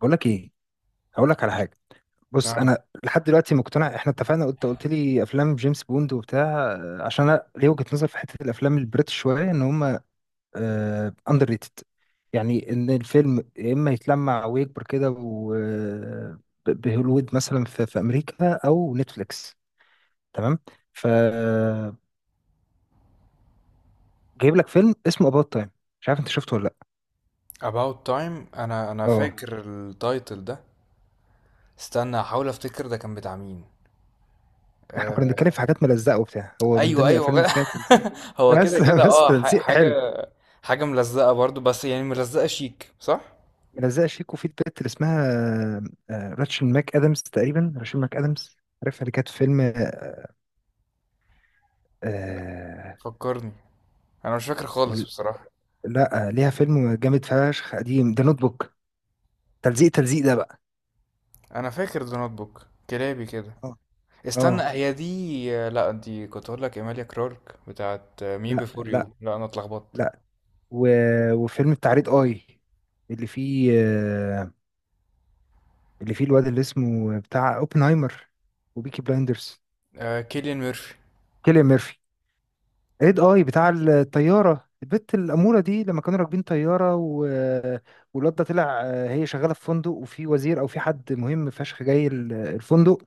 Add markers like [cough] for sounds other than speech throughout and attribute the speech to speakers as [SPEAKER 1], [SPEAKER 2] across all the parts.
[SPEAKER 1] بقول لك ايه، هقول لك على
[SPEAKER 2] قولي.
[SPEAKER 1] حاجه. بص،
[SPEAKER 2] اه،
[SPEAKER 1] انا لحد دلوقتي مقتنع. احنا اتفقنا، قلت لي افلام جيمس بوند وبتاع، عشان انا ليه وجهه نظر في حته الافلام البريتش شويه ان هم اندر ريتد. يعني ان الفيلم يا اما يتلمع ويكبر كده بهوليوود مثلا في امريكا او نتفليكس، تمام؟ ف جايب لك فيلم اسمه اباوت تايم، مش عارف انت شفته ولا لا.
[SPEAKER 2] About Time. انا
[SPEAKER 1] اه،
[SPEAKER 2] فاكر التايتل ده. استنى احاول افتكر ده كان بتاع مين.
[SPEAKER 1] احنا كنا
[SPEAKER 2] آه،
[SPEAKER 1] بنتكلم في حاجات ملزقه وبتاع، هو من
[SPEAKER 2] ايوه
[SPEAKER 1] ضمن
[SPEAKER 2] ايوه
[SPEAKER 1] الافلام
[SPEAKER 2] هو.
[SPEAKER 1] اللي فيها تلزيق.
[SPEAKER 2] [laughs] هو كده
[SPEAKER 1] بس
[SPEAKER 2] كده
[SPEAKER 1] [laughs] بس
[SPEAKER 2] اه، ح-
[SPEAKER 1] تلزيق
[SPEAKER 2] حاجه
[SPEAKER 1] حلو.
[SPEAKER 2] حاجه ملزقه برضو، بس يعني ملزقه شيك، صح؟
[SPEAKER 1] ملزقه شيكو، في البت اللي اسمها راتشل ماك ادمز، تقريبا راتشل ماك ادمز. عارفها اللي كانت في فيلم آه آه،
[SPEAKER 2] فكرني، انا مش فاكر خالص
[SPEAKER 1] ال-
[SPEAKER 2] بصراحه.
[SPEAKER 1] لا آه، ليها فيلم جامد فشخ قديم، ده نوت بوك. تلزيق ده بقى.
[SPEAKER 2] انا فاكر ذا نوت بوك كلابي كده.
[SPEAKER 1] اه
[SPEAKER 2] استنى،
[SPEAKER 1] اه،
[SPEAKER 2] هي دي؟ لا، دي كنت اقول لك ايماليا كلارك بتاعت مي
[SPEAKER 1] لا
[SPEAKER 2] بيفور
[SPEAKER 1] لا
[SPEAKER 2] يو. لا، انا اتلخبطت.
[SPEAKER 1] لا. و... وفيلم التعريض اي، اللي فيه اللي فيه الواد اللي اسمه بتاع اوبنهايمر وبيكي بلايندرز،
[SPEAKER 2] آه، كيليان ميرفي.
[SPEAKER 1] كيليان ميرفي. ايد اي بتاع الطياره، البت الاموره دي لما كانوا راكبين طياره والواد ده طلع. هي شغاله في فندق، وفي وزير او في حد مهم فشخ جاي الفندق،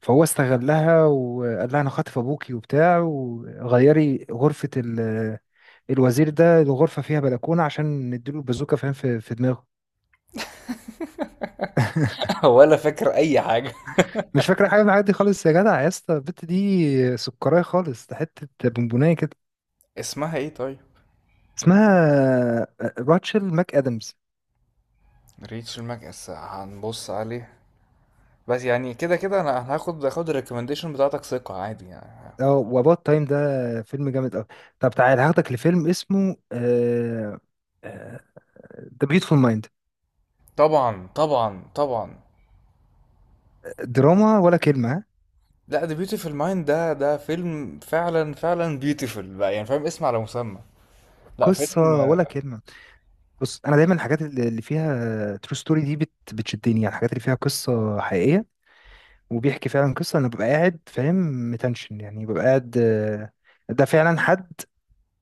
[SPEAKER 1] فهو استغلها وقال لها انا خاطف ابوكي وبتاع، وغيري غرفه الوزير ده. الغرفه فيها بلكونه عشان نديله البازوكه، فاهم، في دماغه. [laughs]
[SPEAKER 2] [laughs] ولا فاكر اي حاجه.
[SPEAKER 1] مش فاكره حاجه من الحاجات دي خالص يا جدع، يا اسطى البت دي سكرايه خالص، ده حته بونبونايه كده.
[SPEAKER 2] اسمها ايه طيب؟
[SPEAKER 1] اسمها راتشل ماك ادمز.
[SPEAKER 2] ريتش المكس، هنبص عليه. بس يعني كده كده أنا هاخد الريكومنديشن بتاعتك ثقة عادي يعني.
[SPEAKER 1] اه، واباوت تايم ده فيلم جامد قوي. طب تعال هاخدك لفيلم اسمه ذا بيوتفول مايند.
[SPEAKER 2] طبعا طبعا طبعا.
[SPEAKER 1] دراما ولا كلمه ها؟
[SPEAKER 2] لا، ده بيوتيفل مايند، ده فيلم فعلا فعلا بيوتيفل بقى، يعني فاهم، اسم على مسمى. لا، فيلم.
[SPEAKER 1] قصه ولا كلمه. بص، انا دايما الحاجات اللي فيها ترو ستوري دي بت بتشدني، يعني الحاجات اللي فيها قصه حقيقيه وبيحكي فعلا قصه، انا ببقى قاعد فاهم، متنشن. يعني ببقى قاعد، ده فعلا حد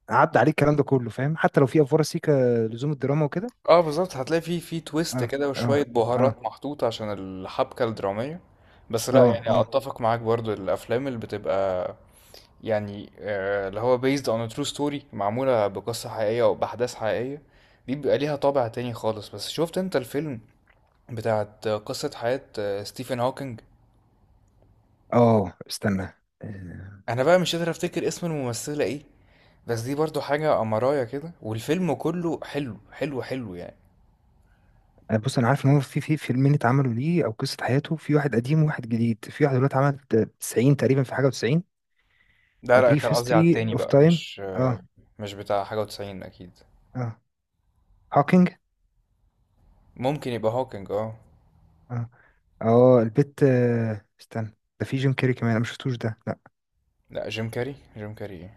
[SPEAKER 1] عدى عليه الكلام ده كله، فاهم، حتى لو في افوار سيكا لزوم الدراما وكده.
[SPEAKER 2] اه، بالظبط، هتلاقي فيه تويست
[SPEAKER 1] اه
[SPEAKER 2] كده
[SPEAKER 1] اه
[SPEAKER 2] وشوية
[SPEAKER 1] اه
[SPEAKER 2] بهارات محطوطة عشان الحبكة الدرامية. بس لا
[SPEAKER 1] اه.
[SPEAKER 2] يعني
[SPEAKER 1] اه
[SPEAKER 2] اتفق معاك، برضو الافلام اللي بتبقى يعني اللي هو based on a true story، معمولة بقصة حقيقية أو بأحداث حقيقية، دي بيبقى ليها طابع تاني خالص. بس شفت انت الفيلم بتاعت قصة حياة ستيفن هوكينج؟
[SPEAKER 1] اه استنى، آه،
[SPEAKER 2] أنا بقى مش قادر أفتكر اسم الممثلة ايه، بس دي برضو حاجة أمراية كده، والفيلم كله حلو حلو حلو يعني.
[SPEAKER 1] أنا بص انا عارف ان هو في في فيلمين اتعملوا ليه او قصه حياته، في واحد قديم وواحد جديد، في واحد دلوقتي عمل 90 تقريبا في حاجه و90.
[SPEAKER 2] ده
[SPEAKER 1] A
[SPEAKER 2] لا،
[SPEAKER 1] Brief
[SPEAKER 2] كان قصدي على
[SPEAKER 1] History
[SPEAKER 2] التاني
[SPEAKER 1] of
[SPEAKER 2] بقى،
[SPEAKER 1] Time.
[SPEAKER 2] مش
[SPEAKER 1] اه
[SPEAKER 2] مش بتاع حاجة وتسعين أكيد.
[SPEAKER 1] اه، هوكينج.
[SPEAKER 2] ممكن يبقى هوكينج، اه.
[SPEAKER 1] اه اه، البت استنى، ده في جيم كاري كمان، انا ما شفتوش ده لا.
[SPEAKER 2] لا، جيم كاري؟ جيم كاري ايه؟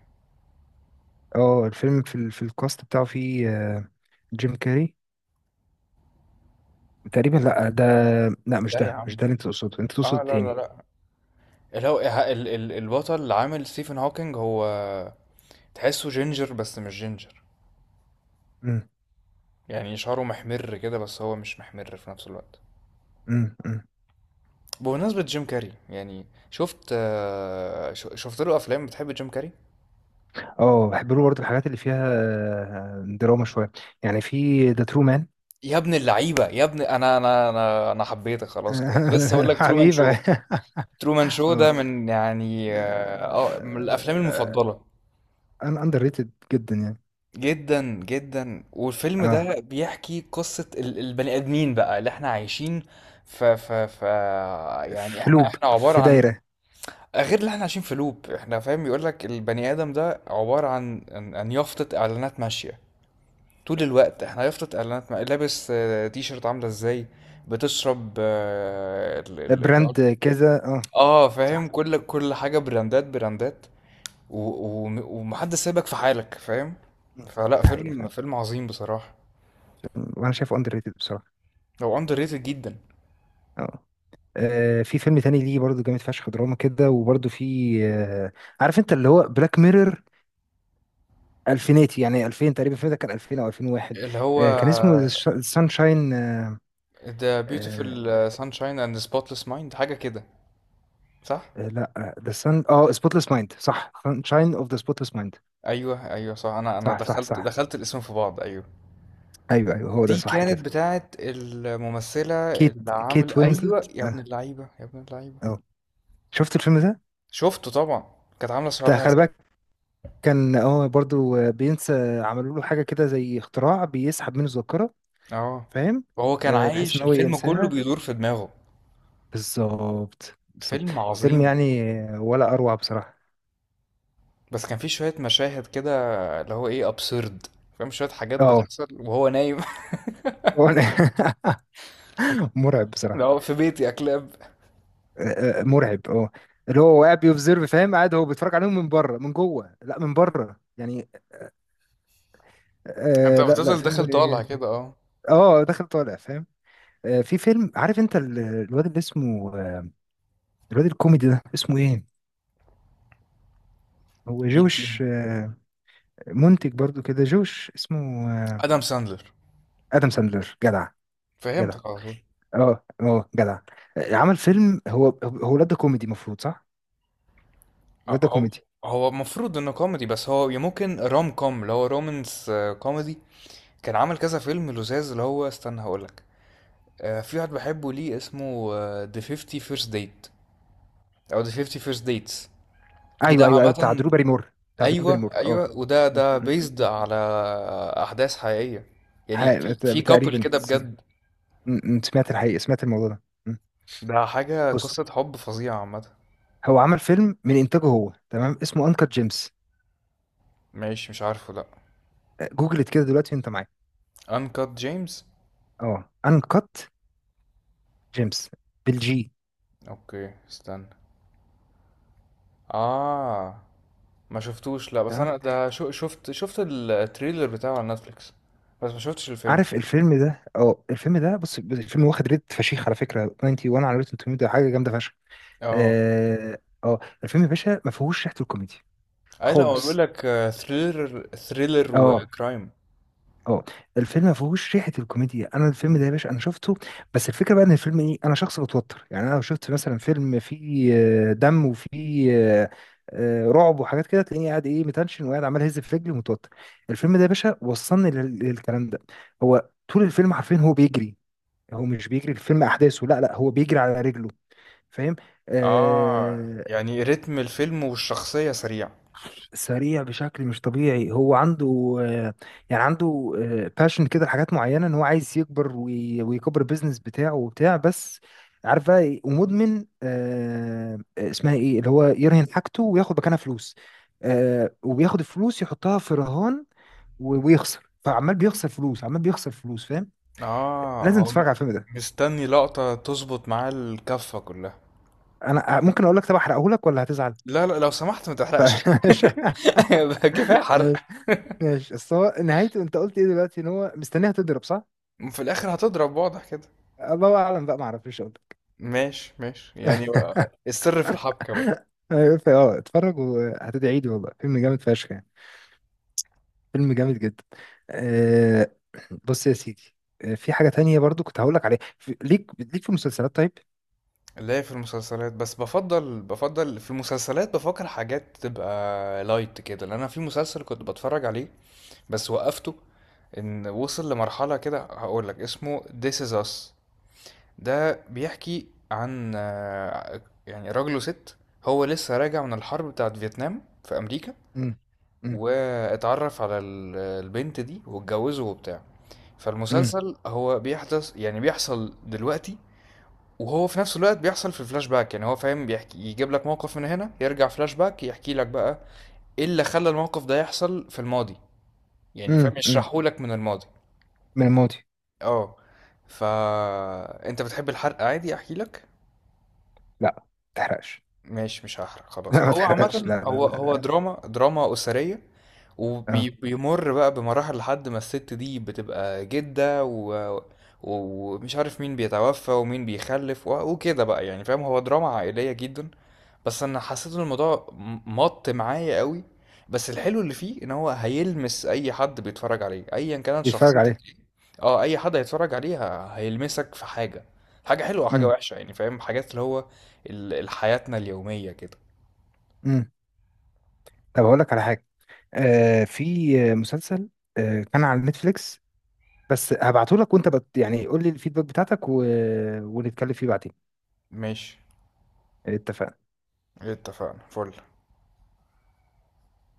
[SPEAKER 1] اه، الفيلم في في الكاست بتاعه في جيم كاري تقريبا، لا ده، لا مش
[SPEAKER 2] لا يا
[SPEAKER 1] ده، مش ده
[SPEAKER 2] عم،
[SPEAKER 1] اللي انت تقصده، انت تقصد
[SPEAKER 2] اه لا لا
[SPEAKER 1] التاني.
[SPEAKER 2] لا. اللي هو البطل اللي عامل ستيفن هوكينج، هو تحسه جينجر بس مش جينجر،
[SPEAKER 1] امم
[SPEAKER 2] يعني شعره محمر كده بس هو مش محمر في نفس الوقت.
[SPEAKER 1] امم.
[SPEAKER 2] بمناسبة جيم كاري، يعني شفت له افلام؟ بتحب جيم كاري؟
[SPEAKER 1] اه، بحب له برضه الحاجات اللي فيها دراما شويه. يعني في ذا ترو مان.
[SPEAKER 2] يا ابن اللعيبة، يا ابن، انا حبيتك خلاص كده، كنت لسه هقول
[SPEAKER 1] [laughs]
[SPEAKER 2] لك ترومان شو.
[SPEAKER 1] حبيبة.
[SPEAKER 2] ترومان شو
[SPEAKER 1] اه،
[SPEAKER 2] ده من يعني من الافلام
[SPEAKER 1] آه،
[SPEAKER 2] المفضلة.
[SPEAKER 1] انا اندر ريتد جدا يعني.
[SPEAKER 2] جدا جدا. والفيلم
[SPEAKER 1] اه،
[SPEAKER 2] ده بيحكي قصة البني آدمين بقى اللي احنا عايشين ف يعني
[SPEAKER 1] في
[SPEAKER 2] احنا
[SPEAKER 1] لوب،
[SPEAKER 2] احنا عبارة
[SPEAKER 1] في
[SPEAKER 2] عن،
[SPEAKER 1] دايرة.
[SPEAKER 2] غير اللي احنا عايشين في لوب، احنا فاهم؟ يقولك البني آدم ده عبارة عن يافطة إعلانات ماشية. طول الوقت احنا يافطة إعلانات، ما... لابس تي شيرت عاملة ازاي، بتشرب
[SPEAKER 1] براند كذا اه. صح.
[SPEAKER 2] فاهم، كل حاجة براندات براندات. و... و... ومحدش سايبك في حالك، فاهم؟
[SPEAKER 1] مم.
[SPEAKER 2] فلا،
[SPEAKER 1] ده حقيقة
[SPEAKER 2] فيلم
[SPEAKER 1] فعلا،
[SPEAKER 2] فيلم عظيم بصراحة.
[SPEAKER 1] وانا شايفه اندر ريتد بصراحة.
[SPEAKER 2] هو اندر ريتد جدا.
[SPEAKER 1] اه، في فيلم تاني ليه برضه جامد فشخ دراما كده، وبرضه في، عارف انت اللي هو بلاك ميرور الفيناتي. يعني 2000 تقريبا، الفيلم ده كان 2000 او 2001.
[SPEAKER 2] اللي هو
[SPEAKER 1] كان اسمه سانشاين.
[SPEAKER 2] The
[SPEAKER 1] آه،
[SPEAKER 2] Beautiful Sunshine and the Spotless Mind، حاجة كده، صح؟
[SPEAKER 1] لا ذا سان اه سبوتليس مايند، صح، سانشاين اوف ذا سبوتليس.
[SPEAKER 2] ايوه ايوه صح، انا
[SPEAKER 1] صح صح
[SPEAKER 2] دخلت
[SPEAKER 1] صح.
[SPEAKER 2] دخلت الاسم في بعض، ايوه.
[SPEAKER 1] ايوه ايوه، هو ده
[SPEAKER 2] دي
[SPEAKER 1] صح كده.
[SPEAKER 2] كانت بتاعت الممثلة
[SPEAKER 1] كيت،
[SPEAKER 2] اللي عامل،
[SPEAKER 1] كيت وينزلت
[SPEAKER 2] ايوه، يا ابن
[SPEAKER 1] اه.
[SPEAKER 2] اللعيبة يا ابن اللعيبة.
[SPEAKER 1] اه، شفت الفيلم ده؟
[SPEAKER 2] شفته طبعا، كانت عاملة
[SPEAKER 1] ده
[SPEAKER 2] شعرها
[SPEAKER 1] خلي
[SPEAKER 2] ازرق،
[SPEAKER 1] بالك، كان اه برضو، بينسى، عملوا له حاجه كده زي اختراع بيسحب منه الذاكره،
[SPEAKER 2] اه.
[SPEAKER 1] فاهم.
[SPEAKER 2] وهو كان
[SPEAKER 1] آه، بحيث
[SPEAKER 2] عايش
[SPEAKER 1] ان هو
[SPEAKER 2] الفيلم كله
[SPEAKER 1] ينساها،
[SPEAKER 2] بيدور في دماغه.
[SPEAKER 1] بالظبط بالظبط.
[SPEAKER 2] فيلم
[SPEAKER 1] فيلم
[SPEAKER 2] عظيم.
[SPEAKER 1] يعني، ولا اروع بصراحه.
[SPEAKER 2] بس كان فيه شوية مشاهد كده اللي هو ايه، ابسورد، فاهم، شوية حاجات
[SPEAKER 1] اه،
[SPEAKER 2] بتحصل وهو نايم.
[SPEAKER 1] هو- [laughs] مرعب
[SPEAKER 2] [laughs]
[SPEAKER 1] بصراحه.
[SPEAKER 2] اللي هو في بيتي يا كلاب.
[SPEAKER 1] مرعب اه. اللي هو قاعد بيوبزرف، فاهم، قاعد هو بيتفرج عليهم من بره من جوه، لا من بره يعني.
[SPEAKER 2] انت
[SPEAKER 1] لا لا،
[SPEAKER 2] بتفضل
[SPEAKER 1] فيلم.
[SPEAKER 2] داخل طالع كده، اه.
[SPEAKER 1] اه، داخل طالع، فاهم. في فيلم، عارف انت الواد اللي اسمه، الواد الكوميدي ده اسمه ايه، هو
[SPEAKER 2] مين فيهم؟
[SPEAKER 1] جوش منتج برضو كده، جوش اسمه
[SPEAKER 2] ادم ساندلر.
[SPEAKER 1] ادم ساندلر. جدع، جدع.
[SPEAKER 2] فهمتك على طول.
[SPEAKER 1] اه اه جدع. عمل فيلم، هو الواد ده كوميدي المفروض صح،
[SPEAKER 2] اه،
[SPEAKER 1] الواد ده
[SPEAKER 2] هو
[SPEAKER 1] كوميدي.
[SPEAKER 2] هو المفروض انه كوميدي، بس هو ممكن روم كوم اللي هو رومانس كوميدي. كان عمل كذا فيلم لزاز، اللي هو استنى هقولك، في واحد بحبه ليه اسمه ذا 50 فيرست ديت، او ذا 50 فيرست ديتس. ده
[SPEAKER 1] ايوه ايوه ايوه، بتاع
[SPEAKER 2] عامة،
[SPEAKER 1] درو باريمور، بتاع درو
[SPEAKER 2] ايوه
[SPEAKER 1] باريمور اه.
[SPEAKER 2] ايوه، وده
[SPEAKER 1] م-
[SPEAKER 2] ده
[SPEAKER 1] م-
[SPEAKER 2] بيزد
[SPEAKER 1] م.
[SPEAKER 2] على احداث حقيقية، يعني
[SPEAKER 1] ح-
[SPEAKER 2] في كابل
[SPEAKER 1] تقريبا.
[SPEAKER 2] كده بجد.
[SPEAKER 1] م. سمعت الحقيقة، سمعت الموضوع ده م.
[SPEAKER 2] ده حاجة
[SPEAKER 1] بص،
[SPEAKER 2] قصة حب فظيعة عامة.
[SPEAKER 1] هو عمل فيلم من انتاجه هو، تمام، اسمه انكت جيمس.
[SPEAKER 2] ماشي، مش عارفه، لا.
[SPEAKER 1] جوجلت كده دلوقتي وانت معايا.
[SPEAKER 2] انكات جيمس.
[SPEAKER 1] اه، انكت جيمس بالجي.
[SPEAKER 2] اوكي، استنى. اه. ما شفتوش، لا، بس
[SPEAKER 1] تمام.
[SPEAKER 2] انا ده شو، شفت التريلر بتاعه على نتفليكس، بس ما شفتش الفيلم.
[SPEAKER 1] عارف الفيلم ده، اه الفيلم ده، بص، الفيلم واخد ريت فشيخ على فكره، 91 على روتن توميتو، حاجه جامده فشخ.
[SPEAKER 2] اه،
[SPEAKER 1] اه، الفيلم يا باشا ما فيهوش ريحه الكوميديا
[SPEAKER 2] اي، لا، هو بيقول
[SPEAKER 1] خالص.
[SPEAKER 2] لك ثريلر ثريلر
[SPEAKER 1] اه
[SPEAKER 2] وكرايم.
[SPEAKER 1] اه، الفيلم ما فيهوش ريحه الكوميديا، انا الفيلم ده يا باشا انا شفته، بس الفكره بقى ان الفيلم ايه، انا شخص بتوتر. يعني انا لو شفت مثلا فيلم فيه دم، وفيه آه، رعب وحاجات كده، تلاقيني قاعد ايه متنشن، وقاعد عمال اهز في رجلي ومتوتر. الفيلم ده يا باشا وصلني للكلام ده. هو طول الفيلم حرفيا هو بيجري، هو مش بيجري الفيلم احداثه لا لا، هو بيجري على رجله، فاهم.
[SPEAKER 2] اه.
[SPEAKER 1] آه،
[SPEAKER 2] يعني رتم الفيلم والشخصية سريع.
[SPEAKER 1] سريع بشكل مش طبيعي، هو عنده، يعني عنده باشن كده لحاجات معينة، ان هو عايز يكبر ويكبر البيزنس بتاعه وبتاع. بس عارف بقى إيه؟ ومدمن اسمها ايه، اللي هو يرهن حاجته وياخد مكانها فلوس، وبياخد الفلوس يحطها في رهان ويخسر، فعمال بيخسر فلوس، عمال بيخسر فلوس، فاهم.
[SPEAKER 2] اه
[SPEAKER 1] لازم
[SPEAKER 2] هو
[SPEAKER 1] تتفرج على الفيلم ده.
[SPEAKER 2] مستني لقطة تظبط معاه الكفة كلها.
[SPEAKER 1] انا ممكن اقول لك، طب احرقه لك ولا هتزعل؟
[SPEAKER 2] لا لا، لو سمحت ما تحرقش.
[SPEAKER 1] [laughs] ماشي.
[SPEAKER 2] [laughs] بقى كفاية حرق.
[SPEAKER 1] ماشي ماشي. بس هو نهايته، انت قلت ايه دلوقتي، ان هو مستنيها تضرب صح.
[SPEAKER 2] في الاخر هتضرب واضح كده.
[SPEAKER 1] أه، الله اعلم بقى، ما اعرفش اقول لك.
[SPEAKER 2] ماشي ماشي يعني.
[SPEAKER 1] [laughs]
[SPEAKER 2] السر في الحبكة بقى.
[SPEAKER 1] أيوة، اه اتفرج وهتدعي لي والله، فيلم جامد فشخ يعني، فيلم جامد جدا. أه، بص يا سيدي، في حاجة تانية برضو كنت هقول لك عليها ليك، ليك في المسلسلات طيب.
[SPEAKER 2] لا، في المسلسلات بس، بفضل في المسلسلات بفكر حاجات تبقى لايت كده، لان انا في مسلسل كنت بتفرج عليه بس وقفته، ان وصل لمرحلة كده. هقول لك اسمه This is Us. ده بيحكي عن يعني راجل وست، هو لسه راجع من الحرب بتاعت فيتنام في امريكا،
[SPEAKER 1] امم امم
[SPEAKER 2] واتعرف على البنت دي واتجوزه وبتاع.
[SPEAKER 1] امم
[SPEAKER 2] فالمسلسل هو بيحدث، يعني بيحصل دلوقتي، وهو في نفس الوقت بيحصل في الفلاش باك، يعني هو فاهم، بيحكي يجيب لك موقف من هنا، يرجع فلاش باك يحكي لك بقى ايه اللي خلى الموقف ده يحصل في الماضي، يعني فاهم،
[SPEAKER 1] أمم.
[SPEAKER 2] يشرحه لك من الماضي.
[SPEAKER 1] من الماضي.
[SPEAKER 2] اه. فا انت بتحب الحرق عادي احكي لك؟
[SPEAKER 1] لا ما تحرقش.
[SPEAKER 2] ماشي مش هحرق
[SPEAKER 1] [laughs]
[SPEAKER 2] خلاص.
[SPEAKER 1] لا ما
[SPEAKER 2] هو
[SPEAKER 1] تحرقش،
[SPEAKER 2] عامة
[SPEAKER 1] لا لا
[SPEAKER 2] هو
[SPEAKER 1] لا
[SPEAKER 2] هو
[SPEAKER 1] لا.
[SPEAKER 2] دراما أسرية،
[SPEAKER 1] اه،
[SPEAKER 2] وبيمر بقى بمراحل لحد ما الست دي بتبقى جدة، ومش عارف مين بيتوفى ومين بيخلف، وكده بقى، يعني فاهم، هو دراما عائلية جدا. بس أنا حسيت إن الموضوع مط معايا قوي. بس الحلو اللي فيه إن هو هيلمس أي حد بيتفرج عليه، أيا كانت
[SPEAKER 1] بيتفرج
[SPEAKER 2] شخصيتك
[SPEAKER 1] عليه.
[SPEAKER 2] إيه. اه، أي حد هيتفرج عليه هيلمسك في حاجة، حاجة حلوة وحاجة
[SPEAKER 1] امم
[SPEAKER 2] وحشة، يعني فاهم، حاجات اللي هو لحياتنا اليومية كده.
[SPEAKER 1] امم. طب هقول لك على حاجة، أه، في مسلسل أه كان على نتفليكس، بس هبعته لك، وانت بت يعني قول لي الفيدباك بتاعتك، ونتكلم فيه بعدين.
[SPEAKER 2] ماشي،
[SPEAKER 1] اتفقنا.
[SPEAKER 2] اتفقنا، فل